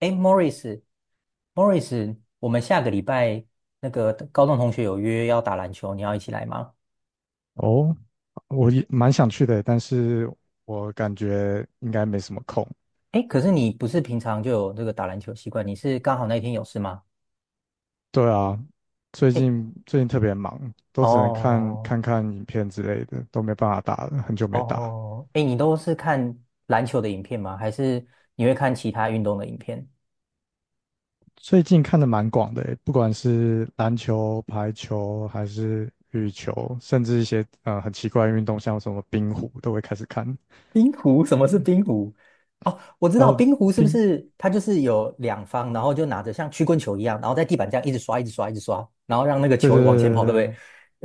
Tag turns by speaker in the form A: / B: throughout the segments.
A: 哎，Morris，Morris，我们下个礼拜那个高中同学有约要打篮球，你要一起来吗？
B: 哦，我也蛮想去的，但是我感觉应该没什么空。
A: 哎，可是你不是平常就有这个打篮球习惯，你是刚好那一天有事吗？
B: 对啊，最
A: 哎，
B: 近最近特别忙，都只能看
A: 哦
B: 看看影片之类的，都没办法打了，很久没打。
A: 哦，哎，你都是看篮球的影片吗？还是你会看其他运动的影片？
B: 最近看的蛮广的欸，不管是篮球、排球，还是羽球，甚至一些很奇怪的运动，像什么冰壶，都会开始看。
A: 冰壶？什么是冰壶？哦，我知道
B: 然后
A: 冰壶是不
B: 冰，
A: 是它就是有两方，然后就拿着像曲棍球一样，然后在地板这样一直刷，一直刷，一直刷，然后让那个
B: 对
A: 球
B: 对
A: 往前
B: 对对
A: 跑，对不
B: 对，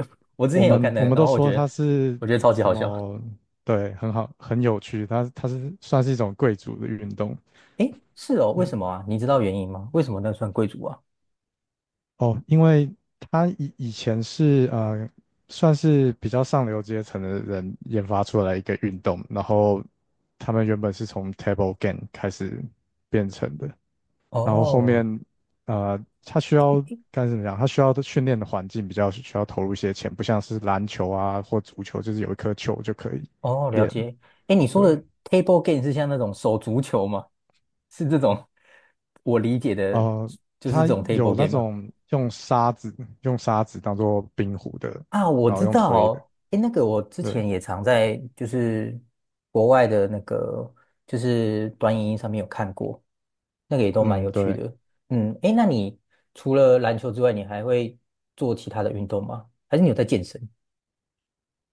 A: 对？我之
B: 我
A: 前有
B: 们
A: 看那
B: 我
A: 个，
B: 们
A: 然
B: 都
A: 后我
B: 说
A: 觉得
B: 它是
A: 我觉得超级
B: 什
A: 好笑。
B: 么？对，很好，很有趣。它是算是一种贵族的运动。
A: 诶，是哦，为
B: 对。
A: 什么啊？你知道原因吗？为什么那算贵族啊？
B: 哦，因为它以前是，算是比较上流阶层的人研发出来一个运动，然后他们原本是从 table game 开始变成的，然后后
A: 哦
B: 面呃，它需要该怎么讲？它需要的训练的环境比较需要投入一些钱，不像是篮球啊或足球，就是有一颗球就可以
A: 哦，了
B: 练。
A: 解。诶，你说
B: 对，
A: 的 table game 是像那种手足球吗？是这种我理解的，
B: 呃，
A: 就是
B: 它
A: 这种
B: 有
A: table
B: 那
A: game 吗？
B: 种用沙子当做冰壶的，
A: 啊，我
B: 然后
A: 知
B: 用推的。
A: 道，诶，那个我之
B: 对，
A: 前也常在就是国外的那个就是短影音上面有看过，那个也都蛮
B: 嗯，
A: 有趣
B: 对。
A: 的。嗯，诶，那你除了篮球之外，你还会做其他的运动吗？还是你有在健身？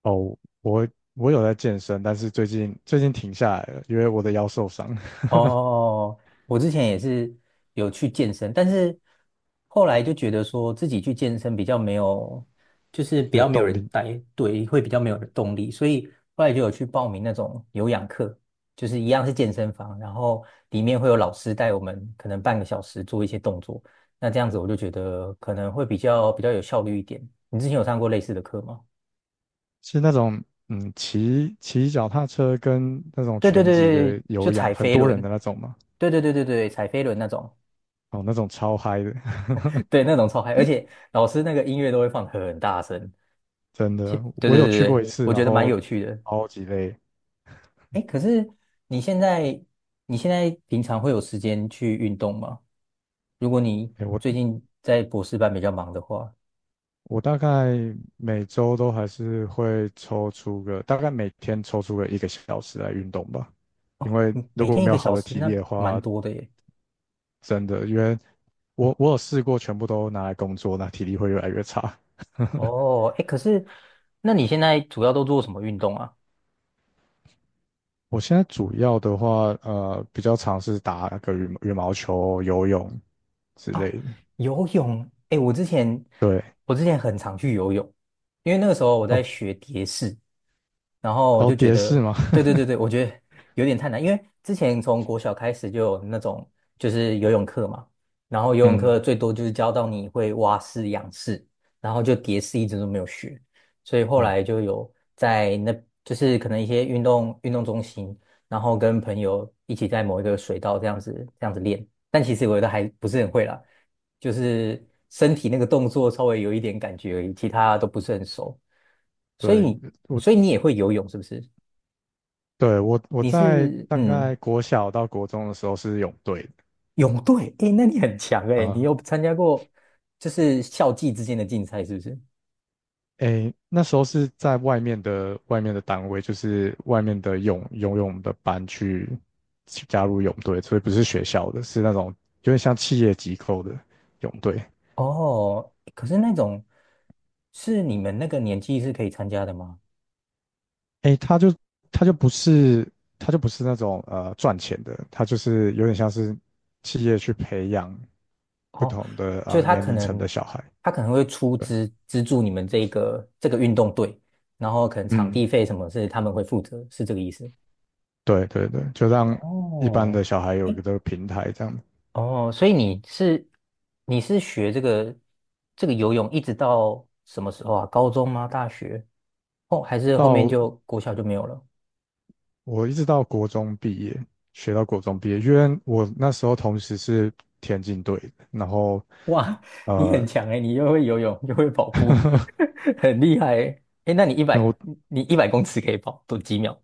B: 哦，我我有在健身，但是最近停下来了，因为我的腰受伤，
A: 哦，哦哦我之前也是有去健身，但是后来就觉得说自己去健身比较没有，就是比
B: 没有
A: 较没有
B: 动
A: 人
B: 力。
A: 带，对，会比较没有动力，所以后来就有去报名那种有氧课，就是一样是健身房，然后里面会有老师带我们，可能半个小时做一些动作，那这样子我就觉得可能会比较有效率一点。你之前有上过类似的课吗？
B: 是那种骑脚踏车跟那种
A: 对对
B: 拳击
A: 对对，
B: 的
A: 就
B: 有氧，
A: 踩
B: 很
A: 飞
B: 多
A: 轮，
B: 人的那种嘛。
A: 对对对对对，踩飞轮那种。
B: 哦，那种超嗨的，
A: 对，那种超嗨，而且老师那个音乐都会放很大声。
B: 真的，
A: 对对
B: 我有
A: 对
B: 去过一
A: 对，
B: 次，
A: 我
B: 然
A: 觉得蛮
B: 后
A: 有趣的。
B: 超级累。
A: 哎，可是你现在你现在平常会有时间去运动吗？如果你
B: 哎，我
A: 最近在博士班比较忙的话，
B: 我大概每周都还是会抽出个，大概每天抽出个一个小时来运动吧。因为
A: 嗯
B: 如
A: 每
B: 果我
A: 天一
B: 没有
A: 个
B: 好
A: 小
B: 的
A: 时
B: 体
A: 那
B: 力的
A: 蛮
B: 话，
A: 多的耶。
B: 真的，因为我有试过全部都拿来工作，那体力会越来越差。
A: 哦，哎，可是那你现在主要都做什么运动啊？
B: 我现在主要的话，比较尝试打个羽毛球、游泳之
A: 哦，
B: 类的。
A: 游泳。哎，我之前
B: 对。
A: 我之前很常去游泳，因为那个时候我在
B: 哦，
A: 学蝶式。然后我
B: 然后
A: 就觉
B: 蝶式
A: 得，
B: 吗？
A: 对 对对对，我觉得有点太难，因为之前从国小开始就有那种就是游泳课嘛，然后游泳
B: 嗯，
A: 课最多就是教到你会蛙式、仰式，然后就蝶式一直都没有学，所以后
B: 哦，
A: 来就有在那就是可能一些运动中心，然后跟朋友一起在某一个水道这样子练，但其实我觉得还不是很会啦，就是身体那个动作稍微有一点感觉而已，其他都不是很熟。所
B: 对，
A: 以，
B: 我
A: 所以你也会游泳是不是？
B: 我
A: 你
B: 在
A: 是
B: 大概国小到国中的时候是泳队的。
A: 泳队，诶，那你很强诶，你
B: 啊、
A: 有参加过就是校际之间的竞赛是不是？
B: 诶，那时候是在外面的单位，就是外面的游泳的班去加入泳队，所以不是学校的，是那种有点像企业机构的泳队。
A: 哦，可是那种是你们那个年纪是可以参加的吗？
B: 诶，他就不是他就不是那种赚钱的，他就是有点像是企业去培养不
A: 哦，
B: 同的啊、
A: 就他
B: 年
A: 可
B: 龄层的
A: 能
B: 小孩。
A: 他可能会出
B: 对，
A: 资资助你们这个运动队，然后可能场
B: 嗯，
A: 地费什么是他们会负责，是这个意思
B: 对对对，就让一般
A: 哦，
B: 的小孩有一
A: 诶，
B: 个平台这样。
A: 哦，所以你是学这个游泳一直到什么时候啊？高中吗？大学？哦，还是后面
B: 到
A: 就国小就没有了？
B: 我一直到国中毕业，学到国中毕业，因为我那时候同时是田径队的，然后
A: 哇，你很
B: 呃，
A: 强诶，你又会游泳又会跑步，很厉害诶。诶，那
B: 没有，
A: 你100公尺可以跑多几秒？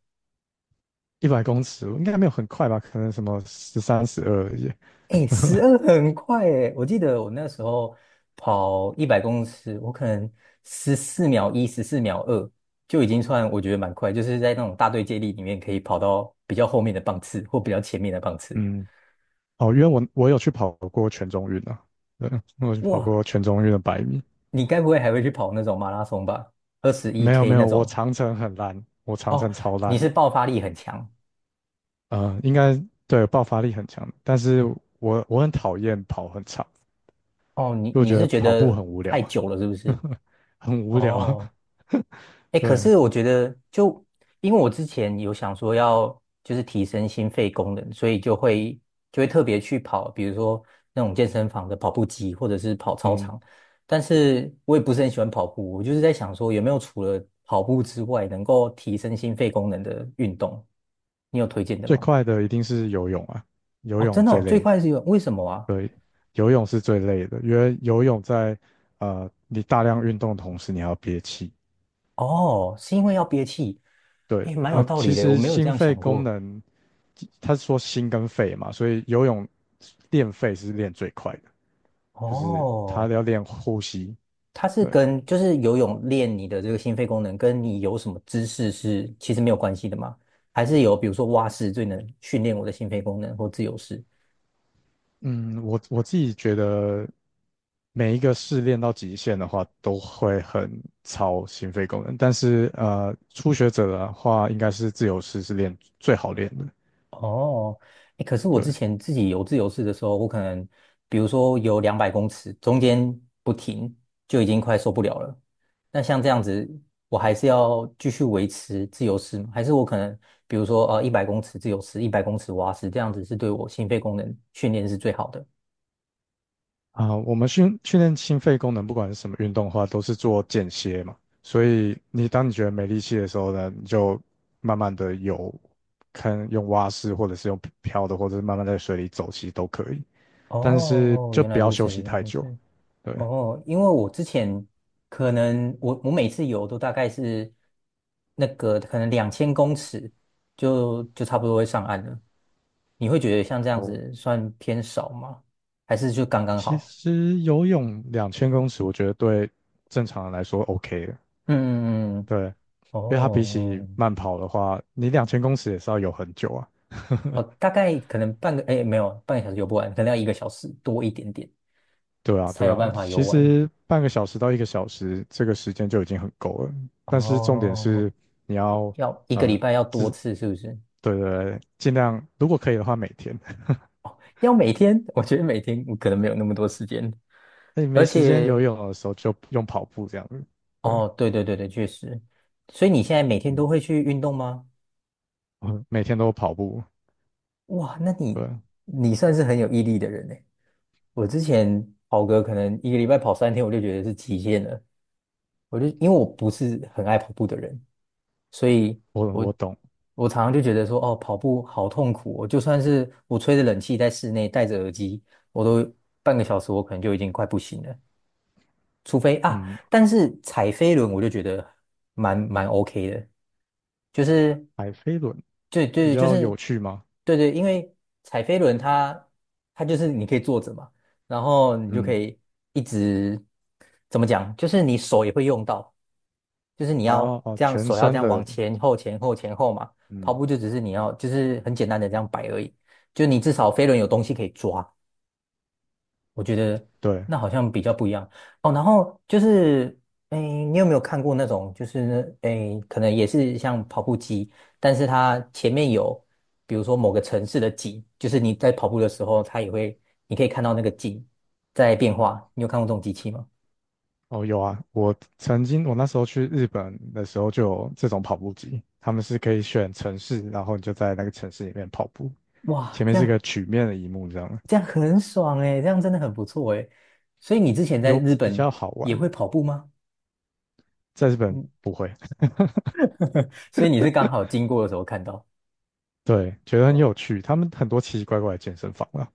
B: 100公尺，应该没有很快吧，可能什么13、12而已。
A: 哎，十 二很快哎！我记得我那时候跑一百公尺，我可能十四秒一、十四秒二就已经算我觉得蛮快，就是在那种大队接力里面可以跑到比较后面的棒次或比较前面的棒次。
B: 嗯，哦，因为我有去跑过全中运啊，对，我有去跑过
A: 哇，
B: 全中运的百米。
A: 你该不会还会去跑那种马拉松吧？二十一
B: 没有
A: K
B: 没
A: 那
B: 有，我
A: 种？
B: 长程很烂，我长
A: 哦，
B: 程超
A: 你
B: 烂
A: 是
B: 的。
A: 爆发力很强
B: 应该对，爆发力很强，但是我很讨厌跑很长，
A: 哦，你
B: 就
A: 你
B: 觉
A: 是
B: 得
A: 觉
B: 跑步
A: 得
B: 很无聊，
A: 太久了是不是？
B: 很无聊。
A: 哦，哎，可
B: 对，
A: 是我觉得就，因为我之前有想说要就是提升心肺功能，所以就会就会特别去跑，比如说那种健身房的跑步机，或者是跑操
B: 嗯，
A: 场。但是我也不是很喜欢跑步，我就是在想说有没有除了跑步之外，能够提升心肺功能的运动，你有推荐的
B: 最
A: 吗？
B: 快的一定是游泳啊，游
A: 哦，真
B: 泳
A: 的
B: 最
A: 哦，最
B: 累，
A: 快是有，为什么啊？
B: 对，游泳是最累的，因为游泳在你大量运动的同时，你还要憋气。
A: 哦，是因为要憋气，
B: 对
A: 哎，蛮有
B: 啊，
A: 道理
B: 其
A: 的，我
B: 实
A: 没有这
B: 心
A: 样
B: 肺
A: 想
B: 功
A: 过。
B: 能，他是说心跟肺嘛，所以游泳练肺是练最快的，就是他
A: 哦，
B: 要练呼吸。
A: 它是
B: 对，
A: 跟就是游泳练你的这个心肺功能，跟你有什么姿势是其实没有关系的吗？还是有比如说蛙式最能训练我的心肺功能，或自由式？
B: 嗯，我自己觉得每一个试练到极限的话，都会很超心肺功能。但是初学者的话，应该是自由式是练最好练的。
A: 哦，欸可是我之
B: 对
A: 前自己游自由式的时候，我可能比如说游200公尺，中间不停就已经快受不了了。那像这样子，我还是要继续维持自由式吗？还是我可能比如说一百公尺自由式，一百公尺蛙式，这样子是对我心肺功能训练是最好的？
B: 啊，我们训练心肺功能，不管是什么运动的话，都是做间歇嘛。所以你当你觉得没力气的时候呢，你就慢慢的游，看用蛙式或者是用漂的，或者是慢慢在水里走，其实都可以。
A: 哦，
B: 但是
A: 哦哦
B: 就
A: 原来
B: 不要
A: 如
B: 休
A: 此，
B: 息
A: 原来
B: 太
A: 如
B: 久。
A: 此。
B: 对。
A: 哦，因为我之前可能我每次游都大概是那个可能2000公尺就差不多会上岸了。你会觉得像这样
B: 哦，
A: 子算偏少吗？还是就刚刚
B: 其
A: 好？
B: 实游泳两千公尺，我觉得对正常人来说 OK 的，
A: 嗯，嗯嗯
B: 对，因为它比起
A: 哦，
B: 慢跑的话，你两千公尺也是要游很久啊。
A: 哦，大概可能半个，哎，没有，半个小时游不完，可能要一个小时多一点点
B: 对啊，
A: 才
B: 对
A: 有
B: 啊，
A: 办法游
B: 其
A: 完。
B: 实半个小时到一个小时这个时间就已经很够了，但是重点
A: 哦，
B: 是你要
A: 要一个礼
B: 呃，
A: 拜要多
B: 自
A: 次，是不是？
B: 对对对，尽量如果可以的话每天，
A: 要每天，我觉得每天我可能没有那么多时间，
B: 那你没
A: 而
B: 时间游
A: 且，
B: 泳的时候就用跑步这样子，对，
A: 哦，对对对对，确实。所以你现在每天都
B: 嗯，
A: 会去运动吗？
B: 我每天都跑步，
A: 哇，那你
B: 对，
A: 你算是很有毅力的人呢。我之前跑个可能一个礼拜跑三天，我就觉得是极限了。我就因为我不是很爱跑步的人，所以
B: 我
A: 我
B: 我懂，
A: 我常常就觉得说，哦，跑步好痛苦哦。我就算是我吹着冷气在室内，戴着耳机，我都半个小时，我可能就已经快不行了。除非啊，
B: 嗯。
A: 但是踩飞轮我就觉得蛮 OK 的，就是
B: 海飞轮
A: 对
B: 比
A: 对就
B: 较有
A: 是
B: 趣吗？
A: 对对，因为踩飞轮它就是你可以坐着嘛，然后你就可
B: 嗯，
A: 以一直怎么讲，就是你手也会用到，就是你
B: 哦
A: 要
B: 哦，
A: 这样
B: 全
A: 手要这
B: 身
A: 样
B: 的，
A: 往前后前后前后嘛，跑
B: 嗯，
A: 步就只是你要就是很简单的这样摆而已，就你至少飞轮有东西可以抓。我觉得
B: 对，
A: 那好像比较不一样哦。然后就是，哎，你有没有看过那种，就是哎，可能也是像跑步机，但是它前面有，比如说某个城市的景，就是你在跑步的时候，它也会，你可以看到那个景在变化。你有看过这种机器吗？
B: 哦有啊，我曾经我那时候去日本的时候就有这种跑步机，他们是可以选城市，然后你就在那个城市里面跑步，
A: 哇，
B: 前面
A: 这
B: 是一个
A: 样
B: 曲面的荧幕这样，
A: 这样很爽哎，这样真的很不错哎。所以你之前在
B: 有
A: 日
B: 比
A: 本
B: 较好
A: 也会
B: 玩，
A: 跑步吗？
B: 在日本
A: 嗯，
B: 不会，
A: 所以你是刚好经过的时候看到。
B: 对，觉得很有趣，他们很多奇奇怪怪的健身房啊，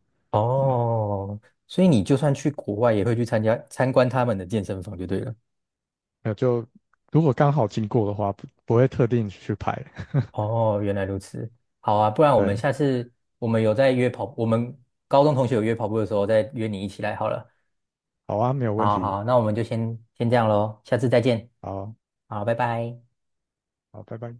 B: 嗯，
A: 哦，所以你就算去国外，也会去参加参观他们的健身房就对了。
B: 那就如果刚好经过的话，不会特定去拍，
A: 哦，原来如此。好啊，不然我们
B: 对，
A: 下次我们有在约跑，我们高中同学有约跑步的时候，再约你一起来好了。
B: 好啊，没有问
A: 好
B: 题，
A: 好，那我们就先这样喽，下次再见。
B: 好，
A: 好，拜拜。
B: 好，拜拜。